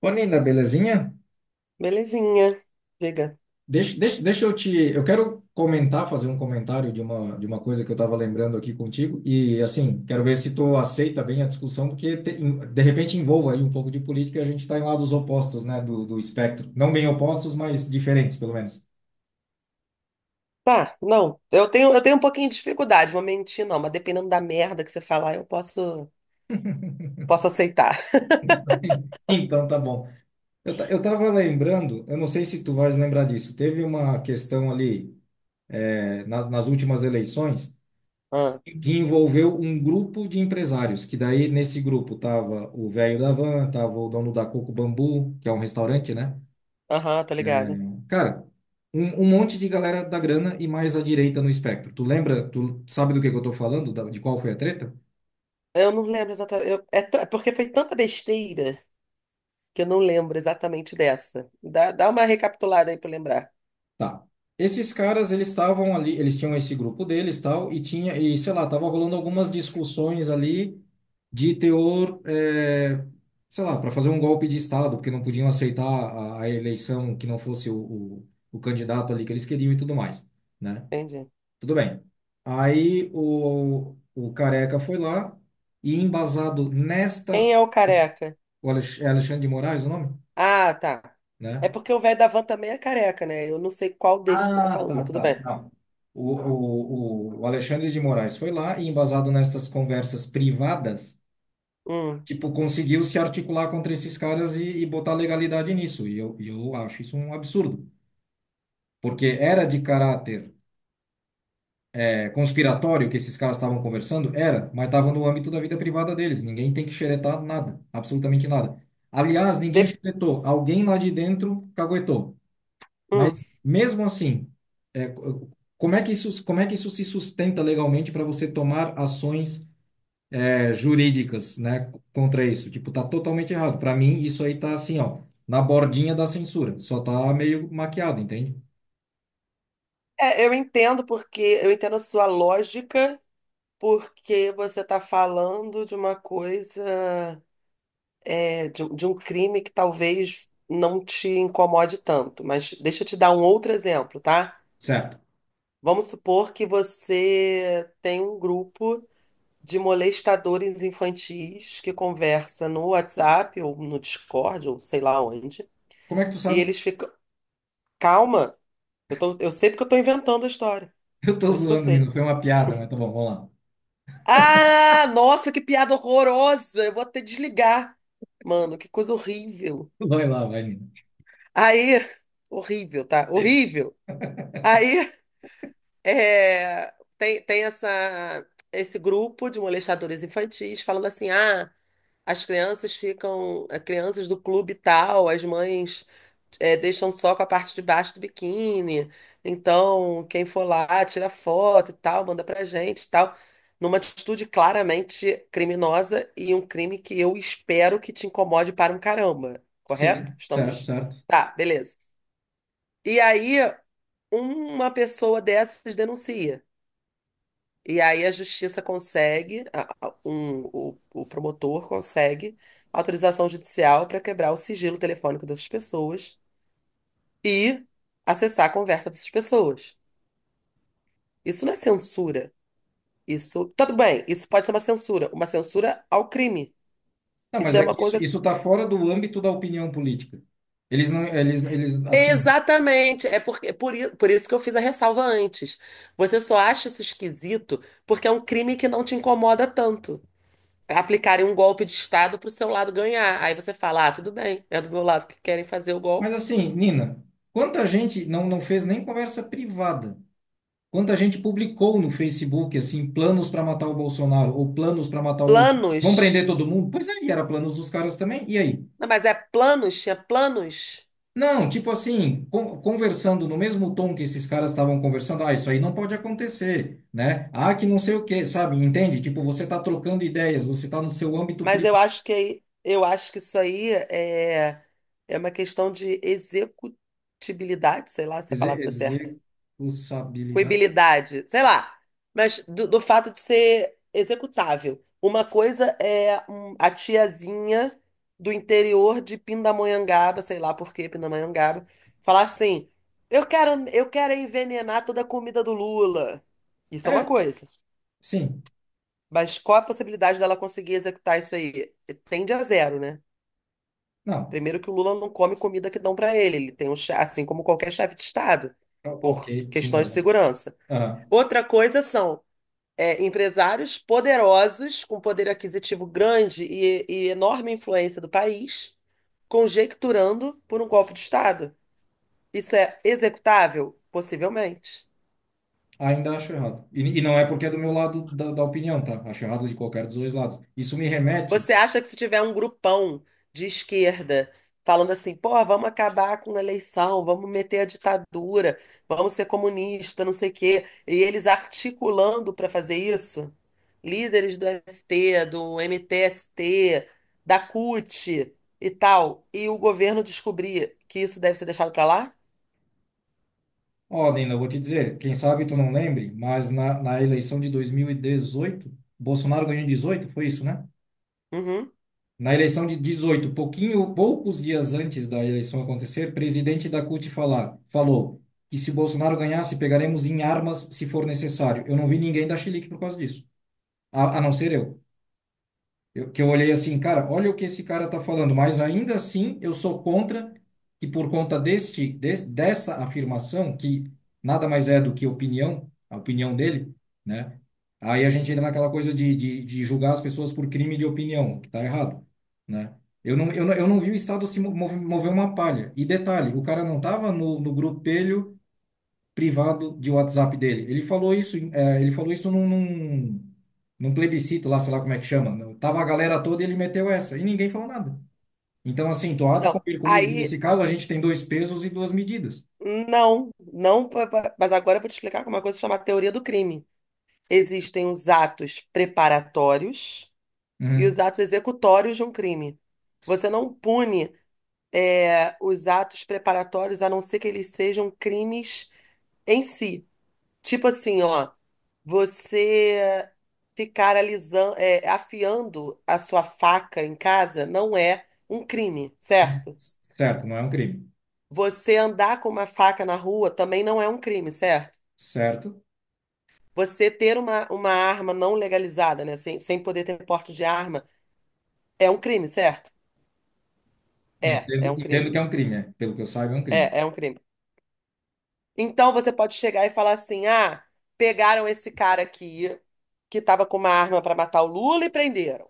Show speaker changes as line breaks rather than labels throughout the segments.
Ô, Nina, belezinha?
Belezinha. Diga.
Deixa eu te. Eu quero comentar, fazer um comentário de uma coisa que eu estava lembrando aqui contigo. E, assim, quero ver se tu aceita bem a discussão, porque de repente envolva aí um pouco de política. E a gente está em lados opostos, né, do espectro. Não bem opostos, mas diferentes, pelo menos.
Tá, não. Eu tenho um pouquinho de dificuldade, vou mentir, não, mas dependendo da merda que você falar, eu posso aceitar.
Então, tá bom. Eu estava lembrando, eu não sei se tu vais lembrar disso. Teve uma questão ali, nas últimas eleições
Ah,
que envolveu um grupo de empresários, que daí nesse grupo tava o velho da van, tava o dono da Coco Bambu, que é um restaurante, né?
aham, tá
É,
ligado.
cara, um monte de galera da grana e mais à direita no espectro. Tu lembra, tu sabe do que eu tô falando, de qual foi a treta?
Eu não lembro exatamente. É porque foi tanta besteira que eu não lembro exatamente dessa. Dá uma recapitulada aí pra eu lembrar.
Tá. Esses caras, eles estavam ali, eles tinham esse grupo deles, tal, e tinha, e sei lá, tava rolando algumas discussões ali de teor, sei lá, para fazer um golpe de Estado, porque não podiam aceitar a eleição que não fosse o candidato ali que eles queriam e tudo mais, né?
Entendi.
Tudo bem. Aí o Careca foi lá e embasado
Quem
nestas,
é o careca?
é Alexandre de Moraes o nome,
Ah, tá. É
né?
porque o velho da van também é careca, né? Eu não sei qual deles você tá
Ah,
falando,
tá,
mas tudo bem.
tá. Não. O Alexandre de Moraes foi lá e, embasado nessas conversas privadas,
Hum.
tipo, conseguiu se articular contra esses caras e botar legalidade nisso. E eu acho isso um absurdo. Porque era de caráter conspiratório que esses caras estavam conversando? Era, mas estava no âmbito da vida privada deles. Ninguém tem que xeretar nada, absolutamente nada. Aliás, ninguém
De...
xeretou. Alguém lá de dentro caguetou.
Hum.
Mas mesmo assim, é, co- como é que isso, se sustenta legalmente para você tomar ações jurídicas, né, contra isso? Tipo, tá totalmente errado. Para mim, isso aí tá assim, ó, na bordinha da censura. Só tá meio maquiado, entende?
É, eu entendo porque eu entendo a sua lógica, porque você tá falando de uma coisa, de um crime que talvez não te incomode tanto. Mas deixa eu te dar um outro exemplo, tá?
Certo.
Vamos supor que você tem um grupo de molestadores infantis que conversa no WhatsApp ou no Discord ou sei lá onde.
Como é que tu
E
sabe?
eles ficam. Calma, eu sei porque eu tô inventando a história.
Eu tô
Por isso que eu
zoando,
sei.
Nino. Foi uma piada, mas tá bom, vamos lá.
Ah, nossa, que piada horrorosa! Eu vou até desligar. Mano, que coisa horrível.
Vai lá, vai, Nino.
Aí, horrível, tá? Horrível. Aí tem esse grupo de molestadores infantis falando assim: ah, as crianças ficam, as crianças do clube tal, as mães deixam só com a parte de baixo do biquíni, então quem for lá tira foto e tal, manda pra gente e tal. Numa atitude claramente criminosa e um crime que eu espero que te incomode para um caramba, correto?
Sim, certo,
Estamos.
certo.
Tá, beleza. E aí, uma pessoa dessas denuncia. E aí a justiça consegue, o promotor consegue autorização judicial para quebrar o sigilo telefônico dessas pessoas e acessar a conversa dessas pessoas. Isso não é censura. Isso, tudo bem, isso pode ser uma censura ao crime.
Não,
Isso
mas
é
é que
uma
isso,
coisa.
tá fora do âmbito da opinião política. Eles não, eles, assim.
Exatamente, por isso que eu fiz a ressalva antes. Você só acha isso esquisito porque é um crime que não te incomoda tanto. Aplicarem um golpe de Estado para o seu lado ganhar. Aí você fala, ah, tudo bem, é do meu lado que querem fazer o
Mas
golpe.
assim, Nina, quanta gente não fez nem conversa privada? Quanta gente publicou no Facebook, assim, planos para matar o Bolsonaro ou planos para matar o Lula? Vão prender
Planos.
todo mundo? Pois aí, era planos dos caras também. E aí?
Não, mas é planos, tinha planos.
Não, tipo assim, conversando no mesmo tom que esses caras estavam conversando, ah, isso aí não pode acontecer, né? Ah, que não sei o quê, sabe? Entende? Tipo, você está trocando ideias, você está no seu âmbito privado.
Eu acho que isso aí é, é uma questão de executibilidade, sei lá se a
Exe-
palavra está certa.
Executabilidade.
Coibilidade, sei lá, mas do fato de ser executável. Uma coisa é a tiazinha do interior de Pindamonhangaba, sei lá por que Pindamonhangaba, falar assim: eu quero envenenar toda a comida do Lula. Isso é uma
É,
coisa.
sim.
Mas qual a possibilidade dela conseguir executar isso aí? Tende a zero, né?
Não.
Primeiro que o Lula não come comida que dão para ele, ele tem assim como qualquer chefe de Estado,
Ok,
por
sim,
questões de
normal.
segurança. Outra coisa são empresários poderosos, com poder aquisitivo grande e enorme influência do país, conjecturando por um golpe de Estado. Isso é executável? Possivelmente.
Ainda acho errado. E não é porque é do meu lado da opinião, tá? Acho errado de qualquer dos dois lados. Isso me remete,
Você acha que se tiver um grupão de esquerda falando assim, pô, vamos acabar com a eleição, vamos meter a ditadura, vamos ser comunista, não sei o quê, e eles articulando para fazer isso, líderes do MST, do MTST, da CUT e tal, e o governo descobrir que isso deve ser deixado para lá?
ó, Nina, eu vou te dizer, quem sabe tu não lembre, mas na eleição de 2018, Bolsonaro ganhou em 18, foi isso, né?
Uhum.
Na eleição de 18, pouquinho, poucos dias antes da eleição acontecer, presidente da CUT falou que se Bolsonaro ganhasse, pegaremos em armas se for necessário. Eu não vi ninguém dar chilique por causa disso, a não ser eu. Eu, que eu olhei assim, cara, olha o que esse cara tá falando, mas ainda assim eu sou contra que por conta dessa afirmação, que nada mais é do que opinião, a opinião dele, né? Aí a gente entra naquela coisa de julgar as pessoas por crime de opinião, que tá errado, né? Eu não vi o Estado se mover uma palha. E detalhe, o cara não tava no grupelho privado de WhatsApp dele. Ele falou isso num plebiscito lá, sei lá como é que chama. Né? Tava a galera toda e ele meteu essa e ninguém falou nada. Então, assim, tu há de
Então,
convir comigo que
aí,
nesse caso a gente tem dois pesos e duas medidas.
não, não, pa- pa- mas agora eu vou te explicar como uma coisa chamada teoria do crime. Existem os atos preparatórios e os
Uhum.
atos executórios de um crime. Você não pune, os atos preparatórios a não ser que eles sejam crimes em si. Tipo assim, ó, você ficar alisando, afiando a sua faca em casa não é um crime, certo?
Certo, não é um crime.
Você andar com uma faca na rua também não é um crime, certo?
Certo?
Você ter uma arma não legalizada, né, sem poder ter porte de arma é um crime, certo? É,
Entendo,
é um
entendo que
crime.
é um crime, é. Pelo que eu saiba, é um crime.
É, é um crime. Então você pode chegar e falar assim: ah, pegaram esse cara aqui que tava com uma arma para matar o Lula e prenderam.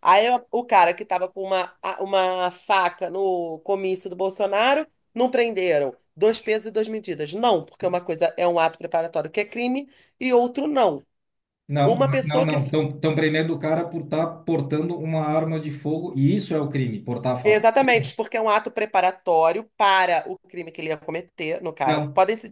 Aí o cara que tava com uma faca no comício do Bolsonaro, não prenderam. Dois pesos e duas medidas. Não, porque uma coisa é um ato preparatório que é crime e outro não.
Não,
Uma
não,
pessoa que.
não.
F-
Estão prendendo o cara por estar portando uma arma de fogo e isso é o crime, portar a faca.
Exatamente, porque é um ato preparatório para o crime que ele ia cometer, no caso.
Não.
Podem se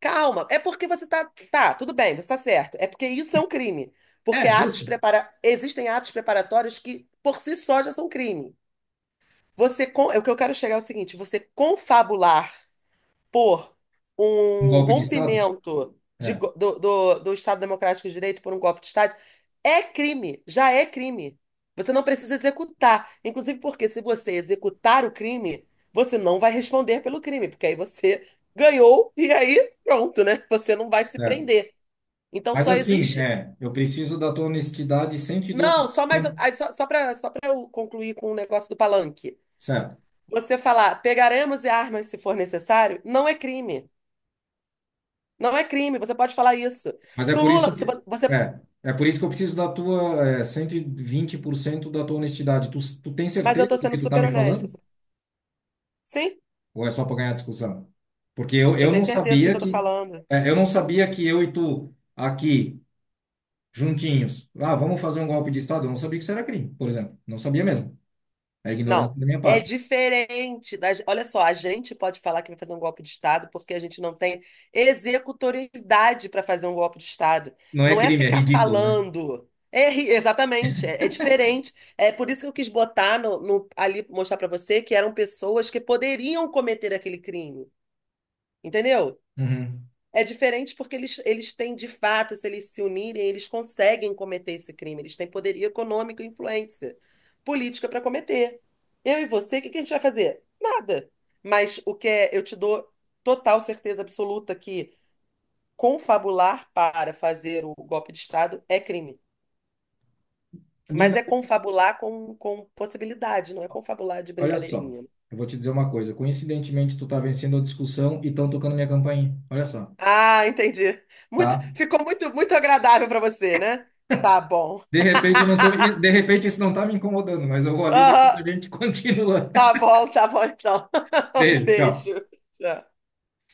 calma, é porque você tá. Tá, tudo bem, você tá certo. É porque isso é um crime. Porque
É,
atos
justo.
prepara... existem atos preparatórios que, por si só, já são crime. Você con... é O que eu quero chegar é o seguinte: você confabular por
Um
um
golpe de Estado?
rompimento de
É.
go- do, do, do Estado Democrático de Direito por um golpe de Estado é crime, já é crime. Você não precisa executar. Inclusive porque se você executar o crime, você não vai responder pelo crime, porque aí você ganhou e aí pronto, né? Você não vai se
Certo.
prender. Então
Mas
só
assim,
existe.
eu preciso da tua honestidade cento e doze
Não,
por
só mais.
cento,
Aí Só, só para eu concluir com o negócio do palanque.
certo?
Você falar, pegaremos armas se for necessário, não é crime. Não é crime, você pode falar isso.
Mas é
Se o
por
Lula,
isso
se
que
vo- você,
é, é por isso que eu preciso da tua 120% da tua honestidade. Tu tem
mas eu
certeza
tô
do
sendo
que tu tá
super
me
honesta.
falando?
Sim,
Ou é só para ganhar discussão? Porque eu,
eu
eu não
tenho certeza do
sabia
que eu tô
que
falando.
eu e tu aqui juntinhos, ah, vamos fazer um golpe de Estado, eu não sabia que isso era crime, por exemplo. Não sabia mesmo. É
Não,
ignorância da minha
é
parte.
diferente das, olha só, a gente pode falar que vai fazer um golpe de Estado porque a gente não tem executoriedade para fazer um golpe de Estado.
Não é
Não é
crime, é
ficar
ridículo, né?
falando. É, ri- exatamente, é, é diferente. É por isso que eu quis botar ali, mostrar para você que eram pessoas que poderiam cometer aquele crime. Entendeu?
Uhum.
É diferente porque eles têm, de fato, se eles se unirem, eles conseguem cometer esse crime. Eles têm poderio econômico e influência política para cometer. Eu e você, o que que a gente vai fazer? Nada. Mas o que é, eu te dou total certeza absoluta que confabular para fazer o golpe de Estado é crime. Mas
Nina,
é confabular com possibilidade, não é confabular de
olha só,
brincadeirinha.
eu vou te dizer uma coisa. Coincidentemente, tu tá vencendo a discussão e estão tocando minha campainha. Olha só,
Ah, entendi. Muito,
tá?
ficou muito, muito agradável para você, né? Tá bom.
De repente eu não tô, de repente isso não tá me incomodando, mas eu vou ali e depois
Aham,
a gente continua.
tá bom, tá bom então. Um
Beijo,
beijo.
tchau.
Tchau.